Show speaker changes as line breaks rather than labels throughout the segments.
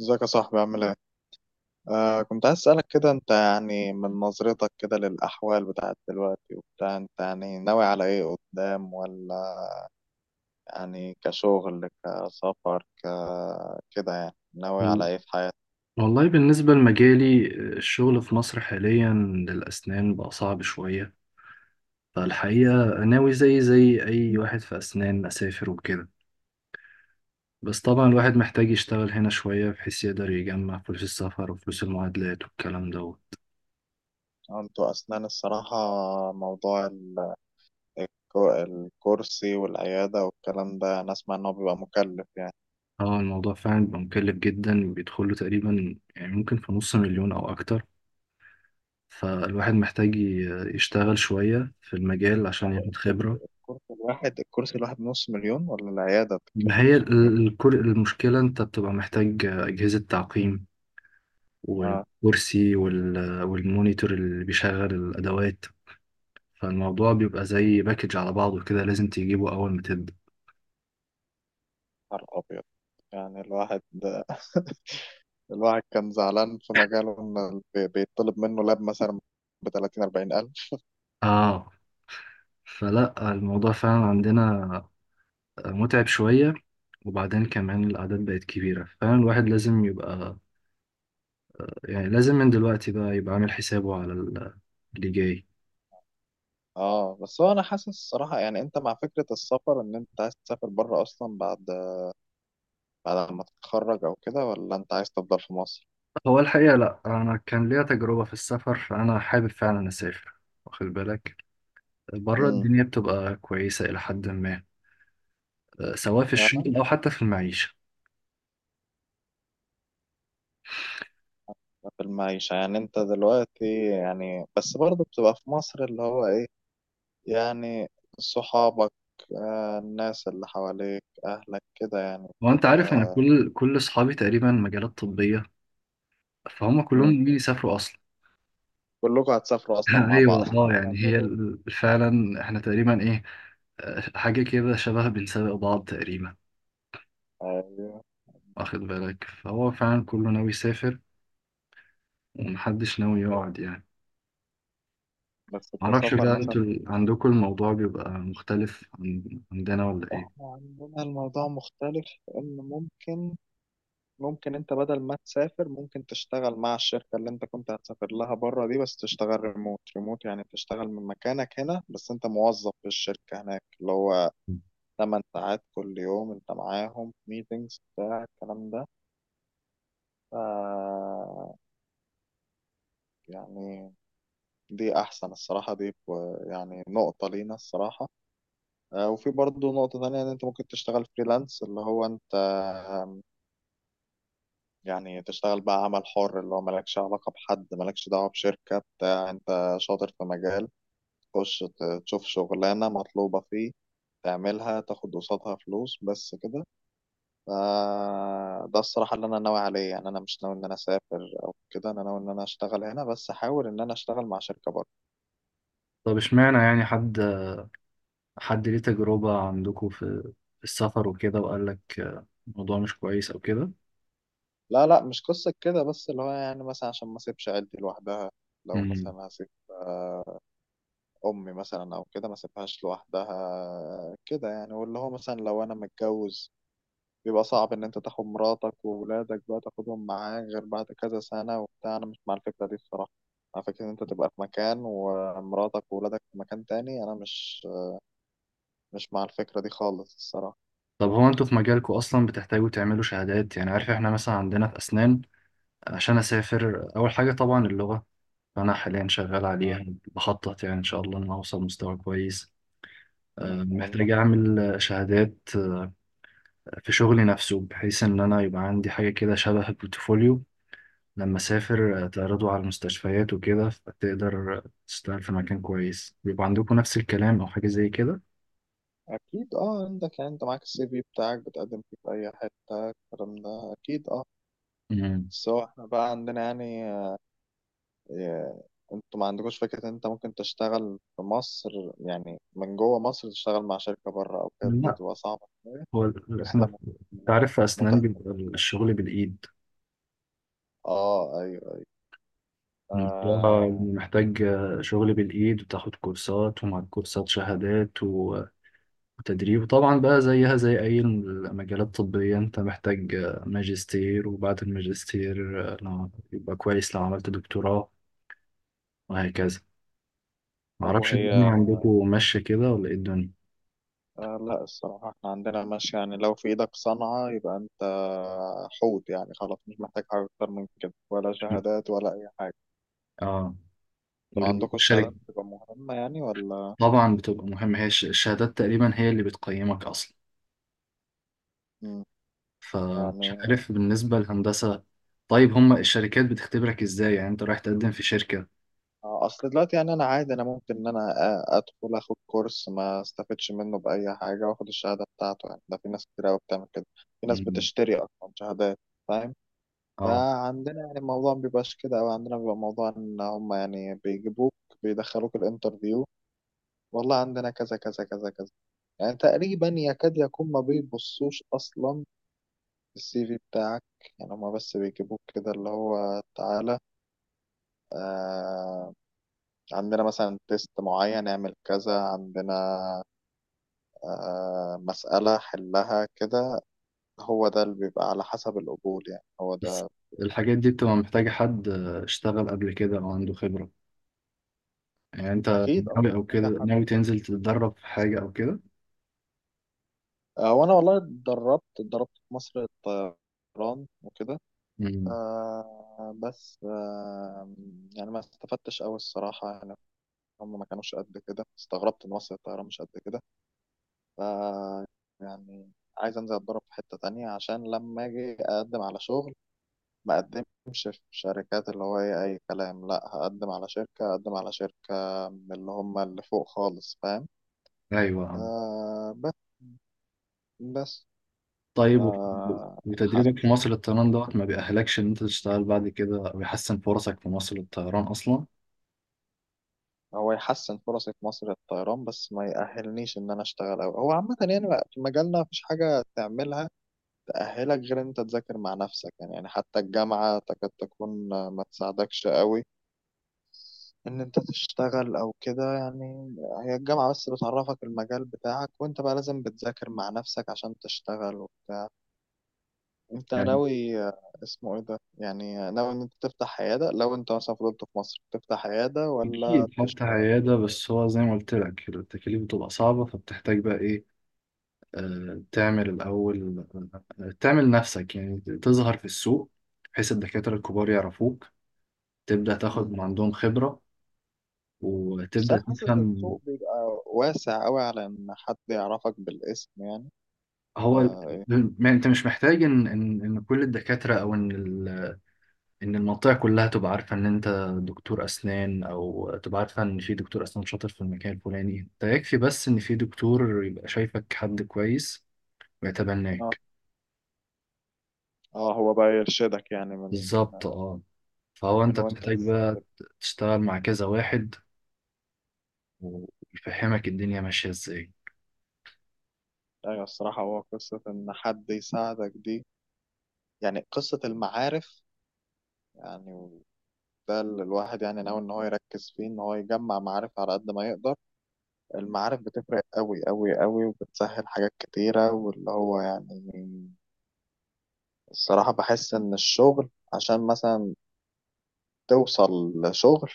ازيك يا صاحبي؟ عامل ايه؟ آه، كنت عايز اسألك كده. انت يعني من نظرتك كده للأحوال بتاعت دلوقتي وبتاع، انت يعني ناوي على ايه قدام ولا يعني؟ كشغل، كسفر، كده، يعني ناوي على ايه في حياتك؟
والله بالنسبة لمجالي، الشغل في مصر حاليا للأسنان بقى صعب شوية. فالحقيقة ناوي زي أي واحد في أسنان، أسافر وكده. بس طبعا الواحد محتاج يشتغل هنا شوية بحيث يقدر يجمع فلوس السفر وفلوس المعادلات والكلام دوت.
انتوا أسنان الصراحة، موضوع الكرسي والعيادة والكلام ده أنا أسمع إن هو بيبقى مكلف يعني.
اه، الموضوع فعلا بيبقى مكلف جدا، بيدخله تقريبا يعني ممكن في نص مليون أو أكتر. فالواحد محتاج يشتغل شوية في المجال عشان
هو
ياخد
الكرسي
خبرة.
الكرسي الواحد الكرسي الواحد نص مليون ولا العيادة بتتكلف
ما هي
نص مليون؟
المشكلة أنت بتبقى محتاج أجهزة تعقيم،
اه،
والكرسي والمونيتور اللي بيشغل الأدوات. فالموضوع بيبقى زي باكج على بعضه كده، لازم تجيبه أول ما تبدأ.
نهار أبيض. يعني الواحد الواحد كان زعلان في مجاله إن بيطلب منه لاب مثلا ب 30 40 ألف.
آه، فلا الموضوع فعلا عندنا متعب شوية. وبعدين كمان الأعداد بقت كبيرة، فعلا الواحد لازم يبقى، يعني لازم من دلوقتي بقى يبقى عامل حسابه على اللي جاي.
اه، بس هو انا حاسس الصراحه يعني، انت مع فكره السفر؟ ان انت عايز تسافر بره اصلا بعد ما تتخرج او كده، ولا انت عايز تفضل في مصر؟
هو الحقيقة لأ، أنا كان ليا تجربة في السفر، فأنا حابب فعلا أسافر، واخد بالك. بره
امم.
الدنيا بتبقى كويسة إلى حد ما، سواء في
فعلا.
الشغل او حتى في المعيشه.
في المعيشه يعني انت دلوقتي، يعني بس برضه بتبقى في مصر اللي هو ايه يعني؟ صحابك، آه، الناس اللي حواليك، اهلك كده يعني
وانت
بتبقى.
عارف، انا كل اصحابي تقريبا مجالات طبيه، فهم كلهم
مم.
ناويين يسافروا اصلا.
كلكم هتسافروا اصلا مع بعض؟
ايوه. اه يعني هي
هتعملوا.
فعلا احنا تقريبا ايه، حاجه كده شبه بنسابق بعض تقريبا، واخد بالك. فهو فعلا كله ناوي يسافر، ومحدش ناوي يقعد يعني.
بس
معرفش
كسفر
بقى، انتوا
مثلا.
عندكم الموضوع بيبقى مختلف عن عندنا ولا
احنا
ايه؟
عندنا الموضوع مختلف، ان ممكن انت بدل ما تسافر ممكن تشتغل مع الشركة اللي انت كنت هتسافر لها بره دي، بس تشتغل ريموت ريموت. يعني تشتغل من مكانك هنا بس انت موظف في الشركة هناك، اللي هو 8 ساعات كل يوم انت معاهم ميتينجز بتاع الكلام ده. ف يعني دي احسن الصراحة. دي يعني نقطة لينا الصراحة. آه، وفي برضه نقطة تانية، ان انت ممكن تشتغل فريلانس اللي هو انت يعني تشتغل بقى عمل حر، اللي هو مالكش علاقة بحد، مالكش دعوة بشركة، بتاع انت شاطر في مجال تخش تشوف شغلانة مطلوبة فيه، تعملها، تاخد قصادها فلوس بس كده. ف- ده الصراحة اللي أنا ناوي عليه. يعني أنا مش ناوي إن أنا أسافر أو كده. أنا ناوي إن أنا أشتغل هنا بس أحاول إن أنا أشتغل مع شركة بره.
طب اشمعنى، يعني حد ليه تجربة عندكم في السفر وكده، وقال لك الموضوع مش كويس أو كده؟
لا، لا، مش قصة كده. بس اللي هو يعني مثلا عشان ما أسيبش عيلتي لوحدها. لو
مم.
مثلا هسيب امي مثلا او كده، ما سيبهاش لوحدها كده يعني. واللي هو مثلا لو انا متجوز بيبقى صعب ان انت تاخد مراتك وولادك بقى، تاخدهم معاك غير بعد كذا سنة وبتاع. انا مش مع الفكرة دي الصراحة. مع فكرة ان انت تبقى في مكان ومراتك وولادك في مكان تاني. انا مش مع الفكرة دي خالص الصراحة.
طب هو انتوا في مجالكم أصلا بتحتاجوا تعملوا شهادات؟ يعني عارف، احنا مثلا عندنا في أسنان، عشان أسافر أول حاجة طبعا اللغة، فأنا حاليا شغال
آه،
عليها، بخطط يعني إن شاء الله إن أنا أوصل مستوى كويس.
ما شاء الله.
محتاج أعمل شهادات في شغلي نفسه، بحيث إن أنا يبقى عندي حاجة كده شبه البورتفوليو. لما اسافر تعرضوا على المستشفيات وكده فتقدر تشتغل في مكان كويس. بيبقى عندكم نفس الكلام او حاجه زي كده؟
اكيد اه. عندك يعني، انت معاك السي في بتاعك بتقدم فيه في اي حتة الكلام ده اكيد اه.
مم.
سواء احنا بقى عندنا يعني إيه، انتوا ما عندكوش فكرة ان انت ممكن تشتغل في مصر؟ يعني من جوه مصر تشتغل مع شركة بره او كده، دي
لا،
تبقى صعبة.
هو
بس ده
احنا، انت
م-
عارف، في اسنان
متعب.
بيبقى الشغل بالايد.
اه، ايوه، ايوه،
الموضوع
آه.
محتاج شغل بالايد، وتاخد كورسات، ومع الكورسات شهادات وتدريب. وطبعا بقى زيها زي اي المجالات الطبيه، انت محتاج ماجستير، وبعد الماجستير يبقى كويس لو عملت دكتوراه، وهكذا.
طب
معرفش الدنيا
وهي،
عندكم ماشية كده ولا ايه الدنيا؟
آه لا الصراحة احنا عندنا ماشي. يعني لو في ايدك صنعة يبقى انت حوت يعني. خلاص، مش محتاج حاجة اكتر من كده، ولا شهادات ولا اي حاجة.
اه،
انتوا عندكم الشهادات
والشركة.
بتبقى مهمة يعني، ولا؟
طبعا بتبقى مهمة، هي الشهادات تقريبا هي اللي بتقيمك أصلا.
مم.
فمش
يعني
عارف بالنسبة للهندسة، طيب هما الشركات بتختبرك ازاي يعني؟ انت رايح تقدم في شركة.
آه، اصل دلوقتي يعني، انا عادي، انا ممكن ان انا ادخل اخد كورس ما استفدش منه باي حاجه واخد الشهاده بتاعته يعني. ده في ناس كتير قوي بتعمل كده، في ناس
مم.
بتشتري اصلا شهادات، فاهم.
اه،
فعندنا يعني الموضوع ما بيبقاش كده. او عندنا بيبقى موضوع ان هم يعني بيجيبوك، بيدخلوك الانترفيو، والله عندنا كذا كذا كذا كذا، يعني تقريبا يكاد يكون ما بيبصوش اصلا السي في بتاعك. يعني هما بس بيجيبوك كده اللي هو تعالى، آه، عندنا مثلا تيست معين نعمل كذا، عندنا مسألة حلها كده. هو ده اللي بيبقى على حسب القبول يعني، هو
بس
ده.
الحاجات دي بتبقى محتاجة حد اشتغل قبل كده أو عنده خبرة. يعني انت
أكيد أه.
ناوي أو كده
محتاجة حد.
ناوي تنزل تتدرب في حاجة أو كده؟
وأنا والله اتدربت في مصر الطيران وكده.
مم.
بس يعني ما استفدتش أوي الصراحة يعني. هم ما كانوش قد كده، استغربت إن مصر الطيران مش قد كده. ف يعني عايز أنزل أتدرب في حتة تانية عشان لما أجي أقدم على شغل ما اقدمش في شركات اللي هو ايه اي كلام. لا، هقدم على شركة، هقدم على شركة من اللي هم اللي فوق خالص، فاهم.
أيوه.
آه بس بس
طيب
آه
وتدريبك في
حاسس.
مصر للطيران دوت ما بيأهلكش إن أنت تشتغل بعد كده، أو يحسن فرصك في مصر للطيران أصلا؟
هو يحسن فرصي في مصر الطيران بس ما يأهلنيش ان انا اشتغل أوي. هو عامة يعني، بقى في مجالنا مفيش حاجة تعملها تأهلك غير ان انت تذاكر مع نفسك يعني. يعني حتى الجامعة تكاد تكون ما تساعدكش أوي ان انت تشتغل او كده يعني. هي الجامعة بس بتعرفك المجال بتاعك، وانت بقى لازم بتذاكر مع نفسك عشان تشتغل وبتاع. انت
يعني
ناوي، اسمه ايه ده، يعني ناوي ان انت تفتح عيادة، لو انت مثلا فضلت في مصر تفتح عيادة ولا
أكيد فتح
تشتغل؟
عيادة، بس هو زي ما قلت لك التكاليف بتبقى صعبة، فبتحتاج بقى إيه، تعمل الأول، تعمل نفسك يعني، تظهر في السوق، بحيث الدكاترة الكبار يعرفوك، تبدأ تاخد
مم.
من عندهم خبرة
بس
وتبدأ
انا حاسس إن
تفهم.
السوق بيبقى واسع قوي على ان حد يعرفك بالاسم يعني،
هو
ولا ايه؟
ما أنت مش محتاج إن كل الدكاترة، أو إن ال ان المنطقه كلها تبقى عارفه ان انت دكتور اسنان، او تبقى عارفه ان في دكتور اسنان شاطر في المكان الفلاني. انت يكفي بس ان في دكتور يبقى شايفك، حد كويس
اه،
ويتبناك.
اه، هو بقى يرشدك يعني، من
بالظبط، اه. فهو
من
انت
وانت
بتحتاج
لسه.
بقى تشتغل مع كذا واحد، ويفهمك الدنيا ماشيه ازاي.
ايوه، الصراحة هو قصة ان حد يساعدك دي، يعني قصة المعارف يعني. ده اللي الواحد يعني ناوي إن هو يركز فيه، إن هو يجمع معارف على قد ما يقدر. المعارف بتفرق أوي أوي أوي وبتسهل حاجات كتيرة، واللي هو يعني الصراحة بحس إن الشغل عشان مثلا توصل لشغل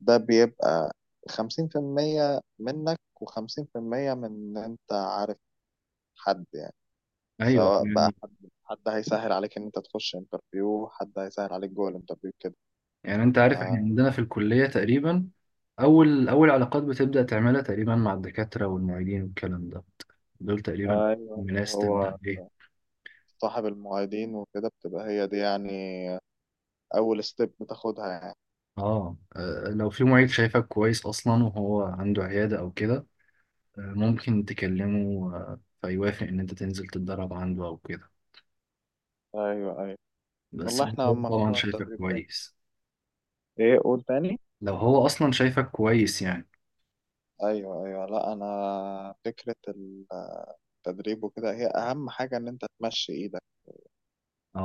ده بيبقى 50% منك و50% من إن أنت عارف حد يعني.
ايوه
سواء بقى
يعني.
حد هيسهل عليك إن أنت تخش انترفيو، حد هيسهل عليك جوه الانترفيو كده.
يعني انت
ف-
عارف، احنا عندنا في الكليه تقريبا اول اول علاقات بتبدا تعملها تقريبا مع الدكاتره والمعيدين والكلام ده، دول تقريبا
ايوه،
الناس
هو
تبدا ايه.
صاحب المعيدين وكده بتبقى هي دي يعني أول ستيب بتاخدها يعني.
اه، لو في معيد شايفك كويس اصلا وهو عنده عيادة او كده، ممكن تكلمه، فيوافق ان انت تنزل تتدرب عنده او كده،
أيوه، أيوه.
بس
والله إحنا
هو طبعا
موضوع
شايفك
التدريب ده،
كويس،
إيه؟ قول تاني.
لو هو اصلا شايفك كويس يعني.
أيوه، أيوه. لا، أنا فكرة التدريب وكده هي أهم حاجة إن أنت تمشي إيدك،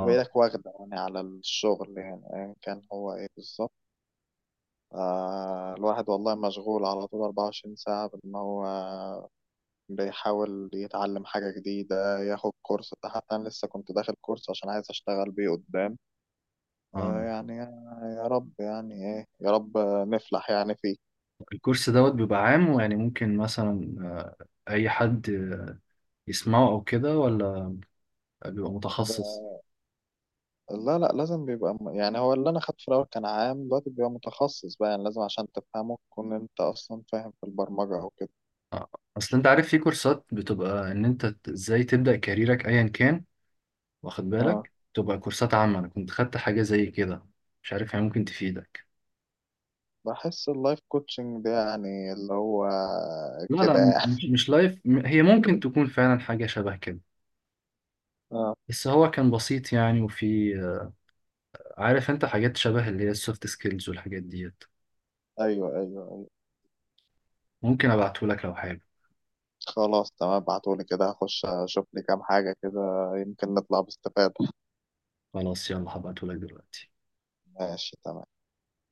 تبقى إيدك واخدة يعني على الشغل يعني أيا كان هو إيه بالظبط. آه، الواحد والله مشغول على طول 24 ساعة بإن هو بيحاول يتعلم حاجة جديدة، ياخد كورس. حتى أنا لسه كنت داخل كورس عشان عايز أشتغل بيه قدام.
اه.
يعني يا رب، يعني ايه، يا رب نفلح يعني فيه.
الكورس دوت بيبقى عام، ويعني ممكن مثلا اي حد يسمعه او كده، ولا بيبقى متخصص؟
ب- لا، لا، لازم بيبقى يعني هو اللي انا خدته في الاول كان عام، دلوقتي بيبقى متخصص بقى. يعني لازم عشان تفهمه تكون انت اصلا فاهم في البرمجة او كده.
آه، اصل انت عارف، في كورسات بتبقى ان انت ازاي تبدأ كاريرك ايا كان، واخد
اه،
بالك، تبقى كورسات عامة. أنا كنت خدت حاجة زي كده، مش عارف هي ممكن تفيدك.
بحس اللايف كوتشنج ده يعني اللي هو
لا،
كده
لا، مش
يعني.
مش لايف هي ممكن تكون فعلا حاجة شبه كده.
اه،
بس هو كان بسيط يعني، وفي عارف انت حاجات شبه اللي هي السوفت سكيلز والحاجات ديت،
ايوه، ايوه، ايوه.
ممكن ابعتهولك لو حابب.
خلاص، تمام، ابعتولي كده هخش اشوف لي كام حاجة كده، يمكن نطلع باستفادة.
خلاص، يلا هبعتهولك دلوقتي.
ماشي، تمام.